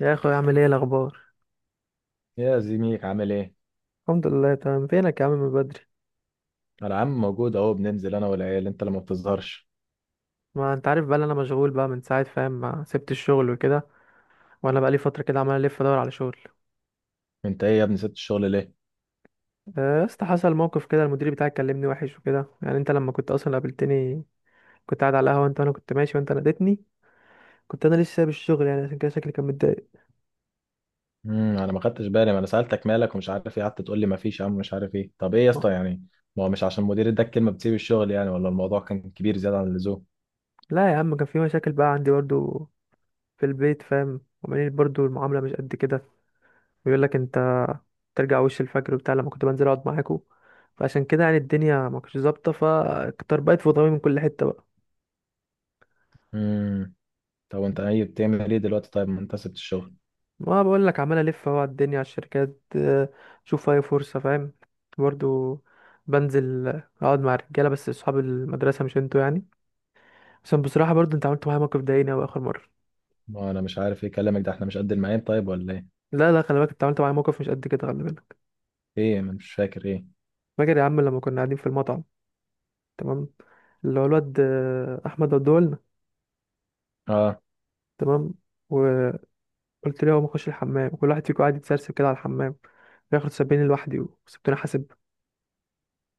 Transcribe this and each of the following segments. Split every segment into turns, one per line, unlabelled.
يا اخوي، عامل ايه الاخبار؟
يا زميك عامل ايه؟
الحمد لله تمام. فينك يا عم من بدري؟
انا عم موجود اهو بننزل انا والعيال، انت اللي ما بتظهرش.
ما انت عارف بقى إن انا مشغول بقى من ساعه، فاهم؟ ما سبت الشغل وكده. وانا بقى لي فتره كده عمال الف ادور على شغل.
انت ايه يا ابني سبت الشغل ليه؟
يا اسطى حصل موقف كده، المدير بتاعي كلمني وحش وكده، يعني انت لما كنت اصلا قابلتني كنت قاعد على القهوه، انت وانا كنت ماشي وانت ناديتني، كنت انا لسه سايب الشغل يعني، عشان كده شكلي كان متضايق.
انا ما خدتش بالي، ما انا سالتك مالك ومش عارف ايه، قعدت تقول لي ما فيش يا عم مش عارف ايه. طب ايه يا اسطى يعني؟ ما هو مش عشان مدير اداك كلمه بتسيب الشغل يعني، ولا الموضوع كان كبير زياده عن اللزوم.
لا يا عم، كان في مشاكل بقى عندي برضو في البيت، فاهم؟ وعمالين برضو المعامله مش قد كده، بيقول لك انت ترجع وش الفجر وبتاع لما كنت بنزل اقعد معاكوا، فعشان كده يعني الدنيا ما كانتش ظابطه، فطربقت في ضمي من كل حته بقى.
امم طب وانت ايه بتعمل ايه دلوقتي طيب، ما انت سبت الشغل.
ما بقول لك عمال الف اهو على الدنيا على الشركات، اشوف اي فرصه، فاهم؟ برضو بنزل، اقعد مع الرجاله، بس اصحاب المدرسه مش انتوا يعني، عشان بصراحه برضو انت عملت معايا موقف ضايقني اوي اخر مره.
ما انا مش عارف ايه كلامك ده، احنا مش قد المعين طيب ولا ايه؟
لا لا، خلي بالك، انت عملت معايا موقف مش قد كده، خلي بالك.
ايه، ما أنا مش فاكر ايه.
فاكر يا عم لما كنا قاعدين في المطعم؟ تمام، اللي هو الواد احمد ودولنا،
اه،
تمام، و قلت ليه هو بخش الحمام وكل واحد فيكم قاعد يتسرسب كده على الحمام، بياخد سبعين لوحدي وسبتوني حاسب.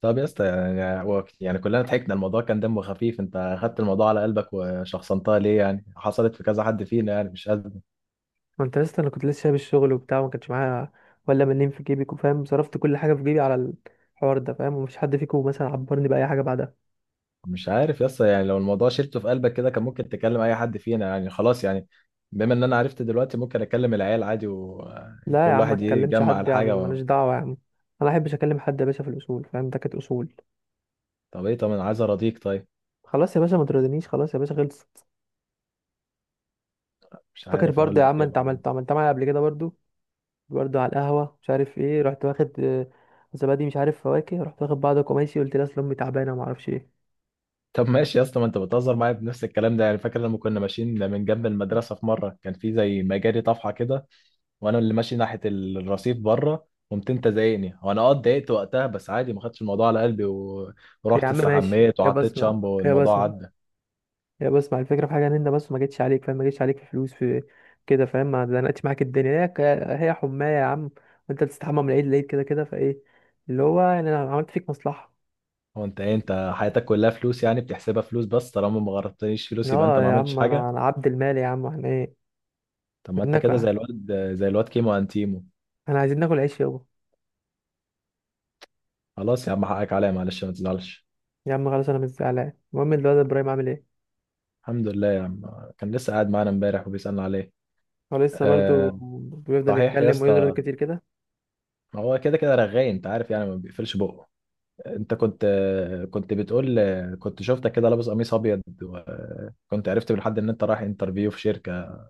طب يا اسطى يعني يعني كلنا ضحكنا، الموضوع كان دمه خفيف، انت خدت الموضوع على قلبك وشخصنتها ليه؟ يعني حصلت في كذا حد فينا يعني، مش قادر.
ما انت لسه، انا كنت لسه شايل الشغل وبتاع وما كانش معايا ولا منين في جيبي، فاهم؟ صرفت كل حاجه في جيبي على الحوار ده، فاهم؟ ومفيش حد فيكم مثلا عبرني باي حاجه بعدها.
مش عارف يا اسطى يعني لو الموضوع شلته في قلبك كده، كان ممكن تكلم اي حد فينا يعني، خلاص يعني. بما ان انا عرفت دلوقتي ممكن اكلم العيال عادي
لا يا
وكل
عم، ما
واحد
تكلمش
يجمع
حد يا عم،
الحاجه
ماليش
و...
دعوه يا عم، انا ما احبش اكلم حد يا باشا، في الاصول، فاهم؟ ده كانت اصول.
طب ايه، طب انا عايز اراضيك طيب.
خلاص يا باشا، ما تردنيش، خلاص يا باشا، خلصت.
مش
فاكر
عارف اقول
برضه يا
لك
عم،
ايه
انت عملت
والله.
عملت معايا قبل كده برضه، برضه على القهوة، مش عارف ايه، رحت واخد زبادي، مش عارف فواكه، رحت واخد بعضك وماشي، قلت لها اصل امي تعبانة وما اعرفش ايه.
طب ماشي يا اسطى، ما انت بتهزر معايا بنفس الكلام ده يعني. فاكر لما كنا ماشيين من جنب المدرسه، في مره كان في زي مجاري طفحه كده، وانا اللي ماشي ناحيه الرصيف بره، قمت انت زايقني، وانا اه اتضايقت وقتها بس عادي ما خدتش الموضوع على قلبي و...
يا
ورحت
عم ماشي،
استحميت
يا
وحطيت
بسمع،
شامبو
يا
والموضوع
بسمع،
عدى.
يا بسمع، الفكرة في حاجة، ان انت بس ما جيتش عليك، فاهم؟ ما جيتش عليك في فلوس في كده، فاهم؟ ما زنقتش معاك الدنيا، هي هي حماية يا عم. وانت بتستحمى من العيد للعيد كده كده، فايه اللي هو يعني انا عملت فيك مصلحة؟
هو انت ايه، انت حياتك كلها فلوس يعني؟ بتحسبها فلوس بس، طالما ما غرضتنيش فلوس يبقى انت
اه
ما
يا
عملتش
عم،
حاجه.
انا عبد المال يا عم، احنا ايه،
طب ما
بدنا
انت
ناكل،
كده زي الواد، زي الواد كيمو انتيمو.
احنا عايزين ناكل عيش يابا.
خلاص يا عم، حقك عليا، معلش ما تزعلش.
يا عم خلاص، انا مش زعلان. المهم، الواد ابراهيم عامل ايه؟
الحمد لله يا عم، كان لسه قاعد معانا امبارح وبيسألنا عليه.
هو لسه برضو
أه.
بيفضل
صحيح يا
يتكلم ويزرد
اسطى،
كتير كده؟
هو كده كده رغاي انت عارف يعني، ما بيقفلش بقه. انت كنت، كنت شفتك كده لابس قميص ابيض، وكنت عرفت بالحد ان انت رايح انترفيو في شركه.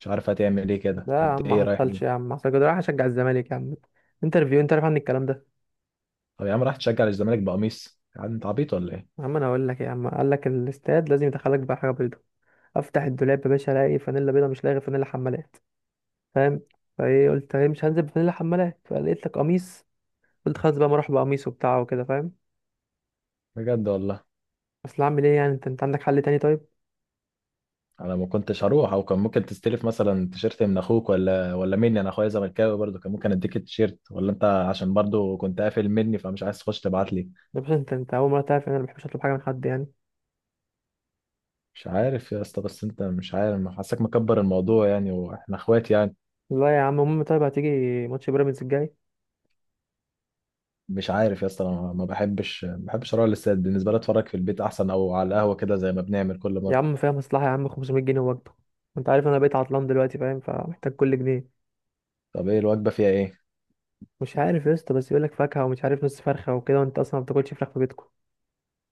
مش عارف هتعمل ايه كده،
لا يا
كنت
عم ما
ايه، رايح
حصلش يا
ايه؟
عم، ما حصلش كده، راح اشجع الزمالك يا عم. انترفيو انت عارف عن الكلام ده؟
طب يا عم رايح تشجع الزمالك بقميص يعني، انت عبيط ولا ايه؟
يا عم انا هقول لك إيه يا عم، قال لك الاستاد لازم يدخلك بقى حاجه بيضه، افتح الدولاب يا باشا الاقي فانيلا بيضه، مش لاقي غير فانيلا حمالات، فاهم؟ فايه، قلت ايه، مش هنزل بفانيلا حمالات، فلقيت لك قميص، قلت خلاص بقى ما اروح بقميص وبتاع وكده، فاهم؟
بجد والله.
اصل اعمل ايه يعني، انت عندك حل تاني طيب؟
انا ما كنتش هروح، او كان ممكن تستلف مثلا تيشيرت من اخوك، ولا مني، انا اخويا زملكاوي برضه، كان ممكن اديك التيشيرت، ولا انت عشان برضه كنت قافل مني فمش عايز تخش تبعت لي.
يا باشا انت اول مره تعرف ان انا ما بحبش اطلب حاجه من حد يعني.
مش عارف يا اسطى، بس انت مش عارف، حاسك مكبر الموضوع يعني، واحنا اخوات يعني.
لا يا عم. المهم، طيب هتيجي ماتش بيراميدز الجاي؟
مش عارف يا اسطى، انا ما بحبش اروح الاستاد، بالنسبه لي اتفرج في البيت احسن، او على القهوه كده زي ما بنعمل كل
يا
مره.
عم فيها مصلحة يا عم، 500 جنيه وجبة. انت عارف انا بقيت عطلان دلوقتي، فاهم؟ فمحتاج كل جنيه.
طب ايه الوجبه فيها ايه؟
مش عارف يا اسطى، بس يقولك فاكهة ومش عارف نص فرخة وكده، وانت اصلا ما بتاكلش فراخ في بيتكم.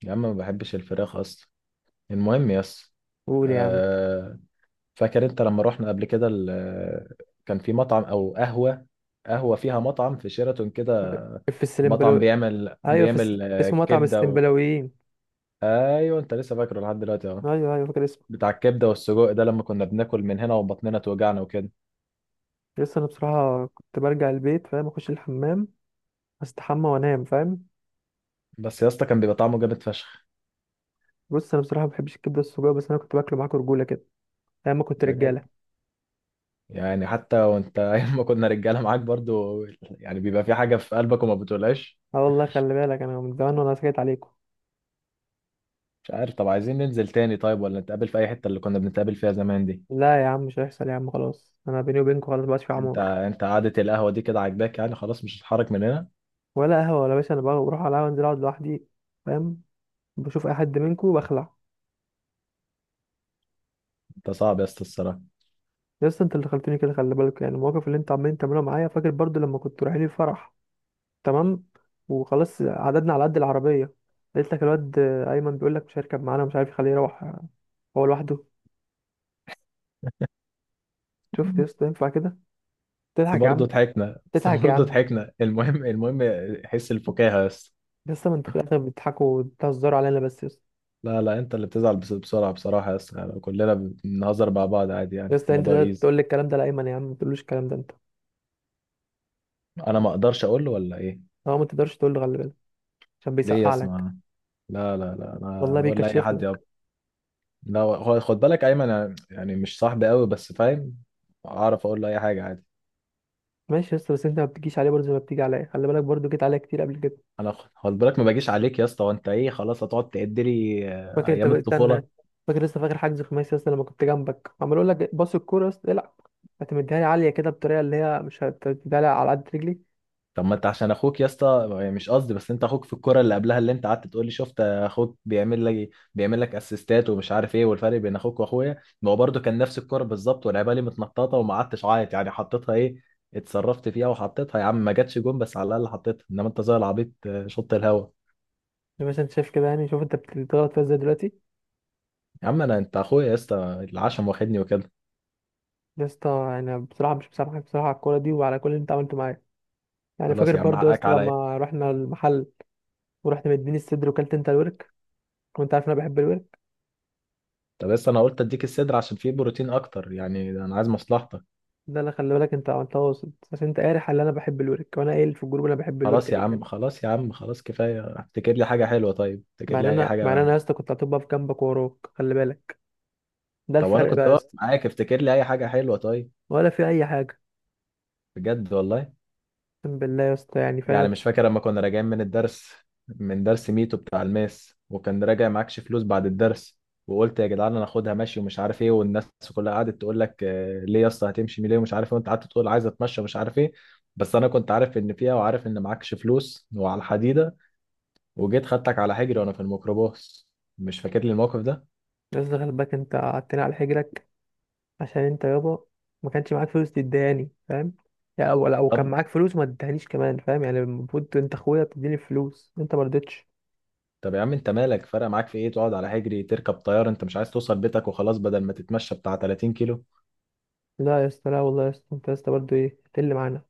يا عم ما بحبش الفراخ اصلا. المهم يا اسطى،
قول يا عم.
آه، فاكر انت لما رحنا قبل كده كان في مطعم او قهوه، قهوه فيها مطعم في شيراتون كده،
في
مطعم
السلمبلو.
بيعمل
ايوه،
بيعمل
اسمه مطعم
كبده و...
السلمبلاويين.
ايوه، انت لسه فاكره لحد دلوقتي اهو.
ايوه ايوه، فاكر اسمه.
بتاع الكبده والسجق ده، لما كنا بناكل من هنا وبطننا توجعنا وكده.
لسه انا بصراحة كنت برجع البيت، فاهم؟ اخش الحمام، استحمى وانام، فاهم؟
بس يا اسطى كان بيبقى طعمه جامد فشخ.
بص، انا بصراحة ما بحبش الكبدة السجق، بس انا كنت باكله معاكم رجولة كده، ايام ما كنت
بجد؟
رجالة.
يعني حتى وانت ايام ما كنا رجاله معاك برضو يعني، بيبقى في حاجه في قلبك وما بتقولهاش.
اه والله، خلي بالك، انا من زمان وانا سكت عليكم.
مش عارف، طب عايزين ننزل تاني طيب، ولا نتقابل في اي حته اللي كنا بنتقابل فيها زمان دي؟
لا يا عم مش هيحصل يا عم، خلاص، انا بيني وبينكم خلاص، مبقاش في عمار.
انت قعده القهوه دي كده عاجباك يعني خلاص، مش هتتحرك من هنا؟
ولا قهوه ولا باشا، انا بقى بروح على القهوه، انزل اقعد لوحدي، فاهم؟ بشوف اي حد منكم بخلع.
انت صعب يا اسطى الصراحه.
يا اسطى انت اللي خلتني كده، خلي بالك، يعني المواقف اللي انت عمالين تعملوها معايا. فاكر برضو لما كنت رايحين الفرح؟ تمام، وخلاص عددنا على قد العربيه، لقيت لك الواد ايمن بيقول لك مش هيركب معانا، ومش عارف يخليه يروح هو لوحده. شفت يا اسطى ينفع كده؟
بس
تضحك يا
برضه
عم،
ضحكنا بس
تضحك يا
برضه
عم.
ضحكنا المهم، المهم حس الفكاهه يا اسطى.
يا اسطى ما انت في الاخر بتضحكوا وبتهزروا علينا بس يا اسطى.
لا لا، انت اللي بتزعل بسرعه بصراحه يا اسطى يعني، كلنا بنهزر مع بعض عادي
يا
يعني،
اسطى انت
الموضوع
ده
ايزي.
تقول لي الكلام ده لايمن؟ يا عم ما تقولوش الكلام ده انت.
انا ما اقدرش اقول له ولا ايه؟
هو ما تقدرش تقول له، خلي بالك، عشان
ليه يا
بيسقع لك،
اسطى؟ لا لا لا، انا
والله
اقول لاي
بيكشف
حد يا.
لك.
لا، هو خد بالك ايمن، أنا يعني مش صاحبي قوي بس فاهم، اعرف اقول له اي حاجه عادي.
ماشي يا اسطى، بس انت ما بتجيش عليه برضه زي ما بتيجي عليا، خلي بالك برضه جيت عليا كتير قبل كده.
انا خد بالك ما باجيش عليك يا اسطى، وانت ايه خلاص هتقعد تعد لي
فاكر انت
ايام الطفوله؟
استنى، فاكر؟ لسه فاكر حجز خماسي يا اسطى، لما كنت جنبك عمال اقول لك باص الكوره يا اسطى، العب، هتمديها لي عاليه كده بطريقه اللي هي مش هتديها لي على قد رجلي.
طب ما انت عشان اخوك يا اسطى يعني، مش قصدي بس انت اخوك في الكوره اللي قبلها، اللي انت قعدت تقول لي شفت اخوك بيعمل لك اسيستات ومش عارف ايه، والفرق بين اخوك واخويا، ما هو برده كان نفس الكوره بالظبط، ولعبها لي متنططه وما قعدتش عيط يعني، حطيتها، ايه اتصرفت فيها وحطيتها يا عم، ما جاتش جون بس على الاقل حطيتها، انما انت زي العبيط شط الهوا.
زي ما انت شايف كده يعني، شوف انت بتغلط فيها ازاي دلوقتي.
يا عم انا، انت اخويا يا اسطى، العشم واخدني وكده.
يا اسطى، انا بصراحه مش مسامحك بصراحه على الكوره دي وعلى كل اللي انت عملته معايا. يعني
خلاص
فاكر
يا عم
برضه يا
حقك
اسطى
عليا.
لما رحنا المحل، ورحت مديني الصدر وكلت انت الورك، وانت عارف إن انا بحب الورك.
طب بس انا قلت اديك الصدر عشان فيه بروتين اكتر يعني، انا عايز مصلحتك.
ده اللي خلي بالك انت عملتها وسط، عشان انت قارح اللي انا بحب الورك، وانا قايل في الجروب انا بحب الورك.
خلاص يا عم، خلاص كفايه، افتكر لي حاجه حلوه طيب، افتكر
مع ان
لي اي
انا مع ان
حاجه.
انا يا اسطى كنت هتبقى في جنبك وراك، خلي بالك، ده
طب وانا
الفرق
كنت
بقى يا
واقف
اسطى.
معاك، افتكر لي اي حاجه حلوه طيب.
ولا في اي حاجه.
بجد والله؟
اقسم بالله يا اسطى، يعني
يعني
فاهم؟
مش فاكر لما كنا راجعين من الدرس، من درس ميتو بتاع الماس، وكان راجع معكش فلوس بعد الدرس، وقلت يا جدعان انا هاخدها ماشي ومش عارف ايه، والناس كلها قعدت تقول لك ليه يا اسطى هتمشي ليه ومش عارف ايه، وانت قعدت تقول عايز اتمشى ومش عارف ايه. بس انا كنت عارف ان فيها، وعارف ان معكش فلوس وعلى الحديده، وجيت خدتك على حجري وانا في الميكروباص. مش فاكر لي الموقف ده؟
يا اسطى خلي بالك، انت قعدتني على حجرك عشان انت يابا ما كانش معاك فلوس تديهاني، فاهم؟ يا او لو كان
طب
معاك فلوس ما تديهانيش كمان، فام، يعني المفروض انت اخويا تديني فلوس، انت ما رضيتش.
طب يا عم انت مالك، فرق معاك في ايه تقعد على حجري، تركب طياره، انت مش عايز توصل بيتك وخلاص بدل ما تتمشى بتاع 30 كيلو.
لا يا اسطى، لا والله يا اسطى، انت يا اسطى برضه ايه تقل معانا،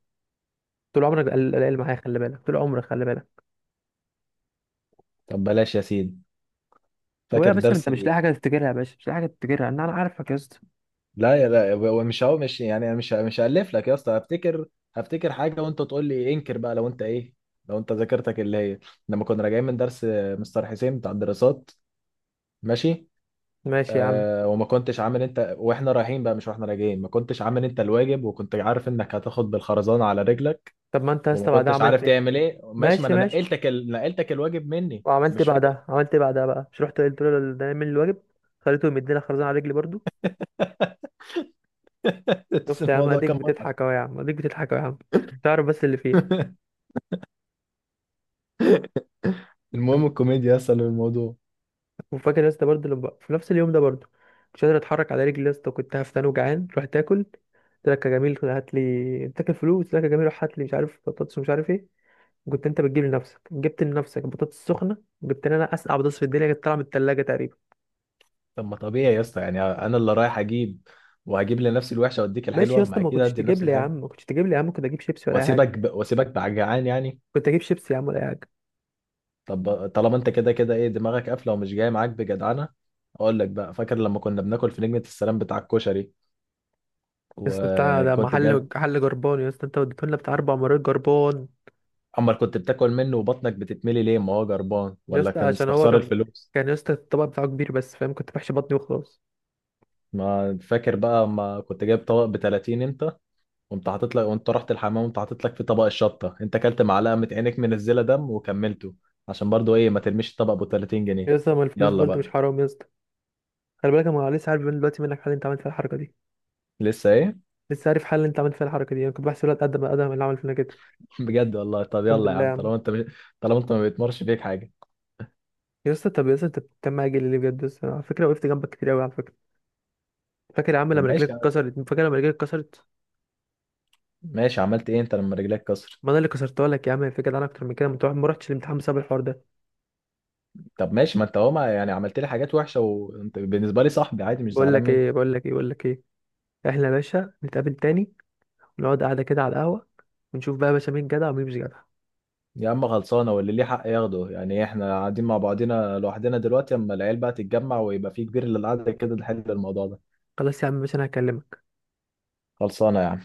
طول عمرك قلقان معايا، خلي بالك، طول عمرك خلي بالك.
طب بلاش يا سيدي.
ويا
فاكر
باشا انت
درس،
مش لاقي حاجه تفتكرها، يا باشا مش لاقي حاجه تفتكرها، انا عارفك يا اسطى.
لا يا لا، هو مش يعني، أنا مش هألف لك يا اسطى، هفتكر حاجة وانت تقول لي انكر بقى، لو انت ايه، لو انت ذاكرتك اللي هي لما كنا راجعين من درس مستر حسين بتاع الدراسات. ماشي.
ماشي يا عم.
آه، وما كنتش عامل انت واحنا رايحين بقى، مش واحنا راجعين، ما كنتش عامل انت الواجب، وكنت عارف انك هتاخد بالخرزانة على رجلك،
طب ما انت يا
وما
اسطى بعدها
كنتش عارف
عملت ايه؟
تعمل ايه ماشي، ما
ماشي
انا
ماشي،
نقلتك نقلتك الواجب مني
وعملت إيه
مش فاكر؟
بعدها؟ عملت إيه بعدها بقى؟ مش رحت قلت له ده نعمل الواجب، خليته يمدينا خرزانة على رجلي برضو.
بس
شفت يا عم
الموضوع
اديك
كان مضحك.
بتضحك اهو يا عم، اديك بتضحك اهو يا عم، عشان تعرف بس اللي فيها.
المهم الكوميديا اصلا الموضوع.
وفاكر يا اسطى برضه لما في نفس اليوم ده برضه، مش قادر اتحرك على رجلي يا اسطى، كنت هفتان وجعان، رحت اكل. قلت لك يا جميل هات لي، انت تاكل فلوس، قلت لك يا جميل روح هات لي مش عارف بطاطس ومش عارف ايه، وكنت انت بتجيب لنفسك، جبت لنفسك بطاطس سخنه، جبت لي انا اسقع بطاطس في الدنيا، كانت طالعه من الثلاجه تقريبا.
طب ما طبيعي يا اسطى يعني، انا اللي رايح اجيب، وهجيب لنفسي الوحشه واديك
ماشي يا
الحلوه،
اسطى،
ما
ما
اكيد
كنتش
هدي
تجيب
لنفسي
لي يا عم،
الحلوه.
ما كنتش تجيب لي يا عم، كنت اجيب شيبسي ولا اي
واسيبك
حاجه،
ب... واسيبك بعجعان يعني؟
كنت اجيب شيبسي يا عم ولا اي حاجه.
طب طالما انت كده كده ايه، دماغك قافله ومش جاي معاك بجدعنه. اقول لك بقى، فاكر لما كنا بناكل في نجمه السلام بتاع الكشري،
يسطا بتاع ده
وكنت
محل
جاب.
محل جربان يا اسطى، انت وديته لنا بتاع اربع مرات جربان.
امال كنت بتاكل منه وبطنك بتتملي ليه، ما هو جربان
يا
ولا
اسطى
كان
عشان هو
استخسار
كان،
الفلوس؟
كان يا اسطى الطبق بتاعه كبير بس، فاهم؟ كنت بحشي بطني وخلاص.
ما فاكر بقى ما كنت جايب طبق ب 30 انت، وانت حاطط لك، وانت رحت الحمام وانت حاطط لك في طبق الشطه، انت اكلت معلقه من عينك منزله دم وكملته، عشان برضو ايه ما ترميش الطبق ب 30 جنيه.
يا اسطى ما الفلوس
يلا
برضه مش
بقى.
حرام يا اسطى؟ خلي بالك انا لسه عارف من دلوقتي منك حل انت عملت فيها الحركه دي.
لسه ايه؟
لسه عارف حل انت عملت فيها الحركه دي، انا كنت بحسب الواد قد ما قدم اللي عمل فينا كده.
بجد والله، طب
اقسم
يلا يا
بالله يا
عم
عم.
طالما انت مش... طالما انت ما بيتمرش فيك حاجه.
يا اسطى طب يا اسطى انت بتتكلم معايا جيلي ليه بجد يا اسطى؟ على فكره وقفت جنبك كتير قوي على فكره. فاكر يا عم لما
طب
رجلك
ماشي يا عم.
اتكسرت؟ فاكر لما رجلك اتكسرت؟
ماشي، عملت ايه انت لما رجلك كسر؟
ما انا اللي كسرتها لك يا عم الفكره، ده انا اكتر من كده، ما رحتش الامتحان بسبب الحوار ده.
طب ماشي، ما انت هو يعني عملت لي حاجات وحشه، وانت بالنسبه لي صاحبي عادي مش
بقول
زعلان
لك
منه.
ايه، بقول لك ايه، بقول لك ايه، احنا يا باشا نتقابل تاني، ونقعد قعدة كده على القهوة، ونشوف بقى يا باشا مين جدع ومين مش جدع.
يا عم خلصانه، واللي ليه حق ياخده، يعني ايه، احنا قاعدين مع بعضينا لوحدنا دلوقتي، اما العيال بقى تتجمع ويبقى في كبير للقعده كده نحل الموضوع ده.
خلاص يا عم باشا، انا هكلمك.
خلصانه يا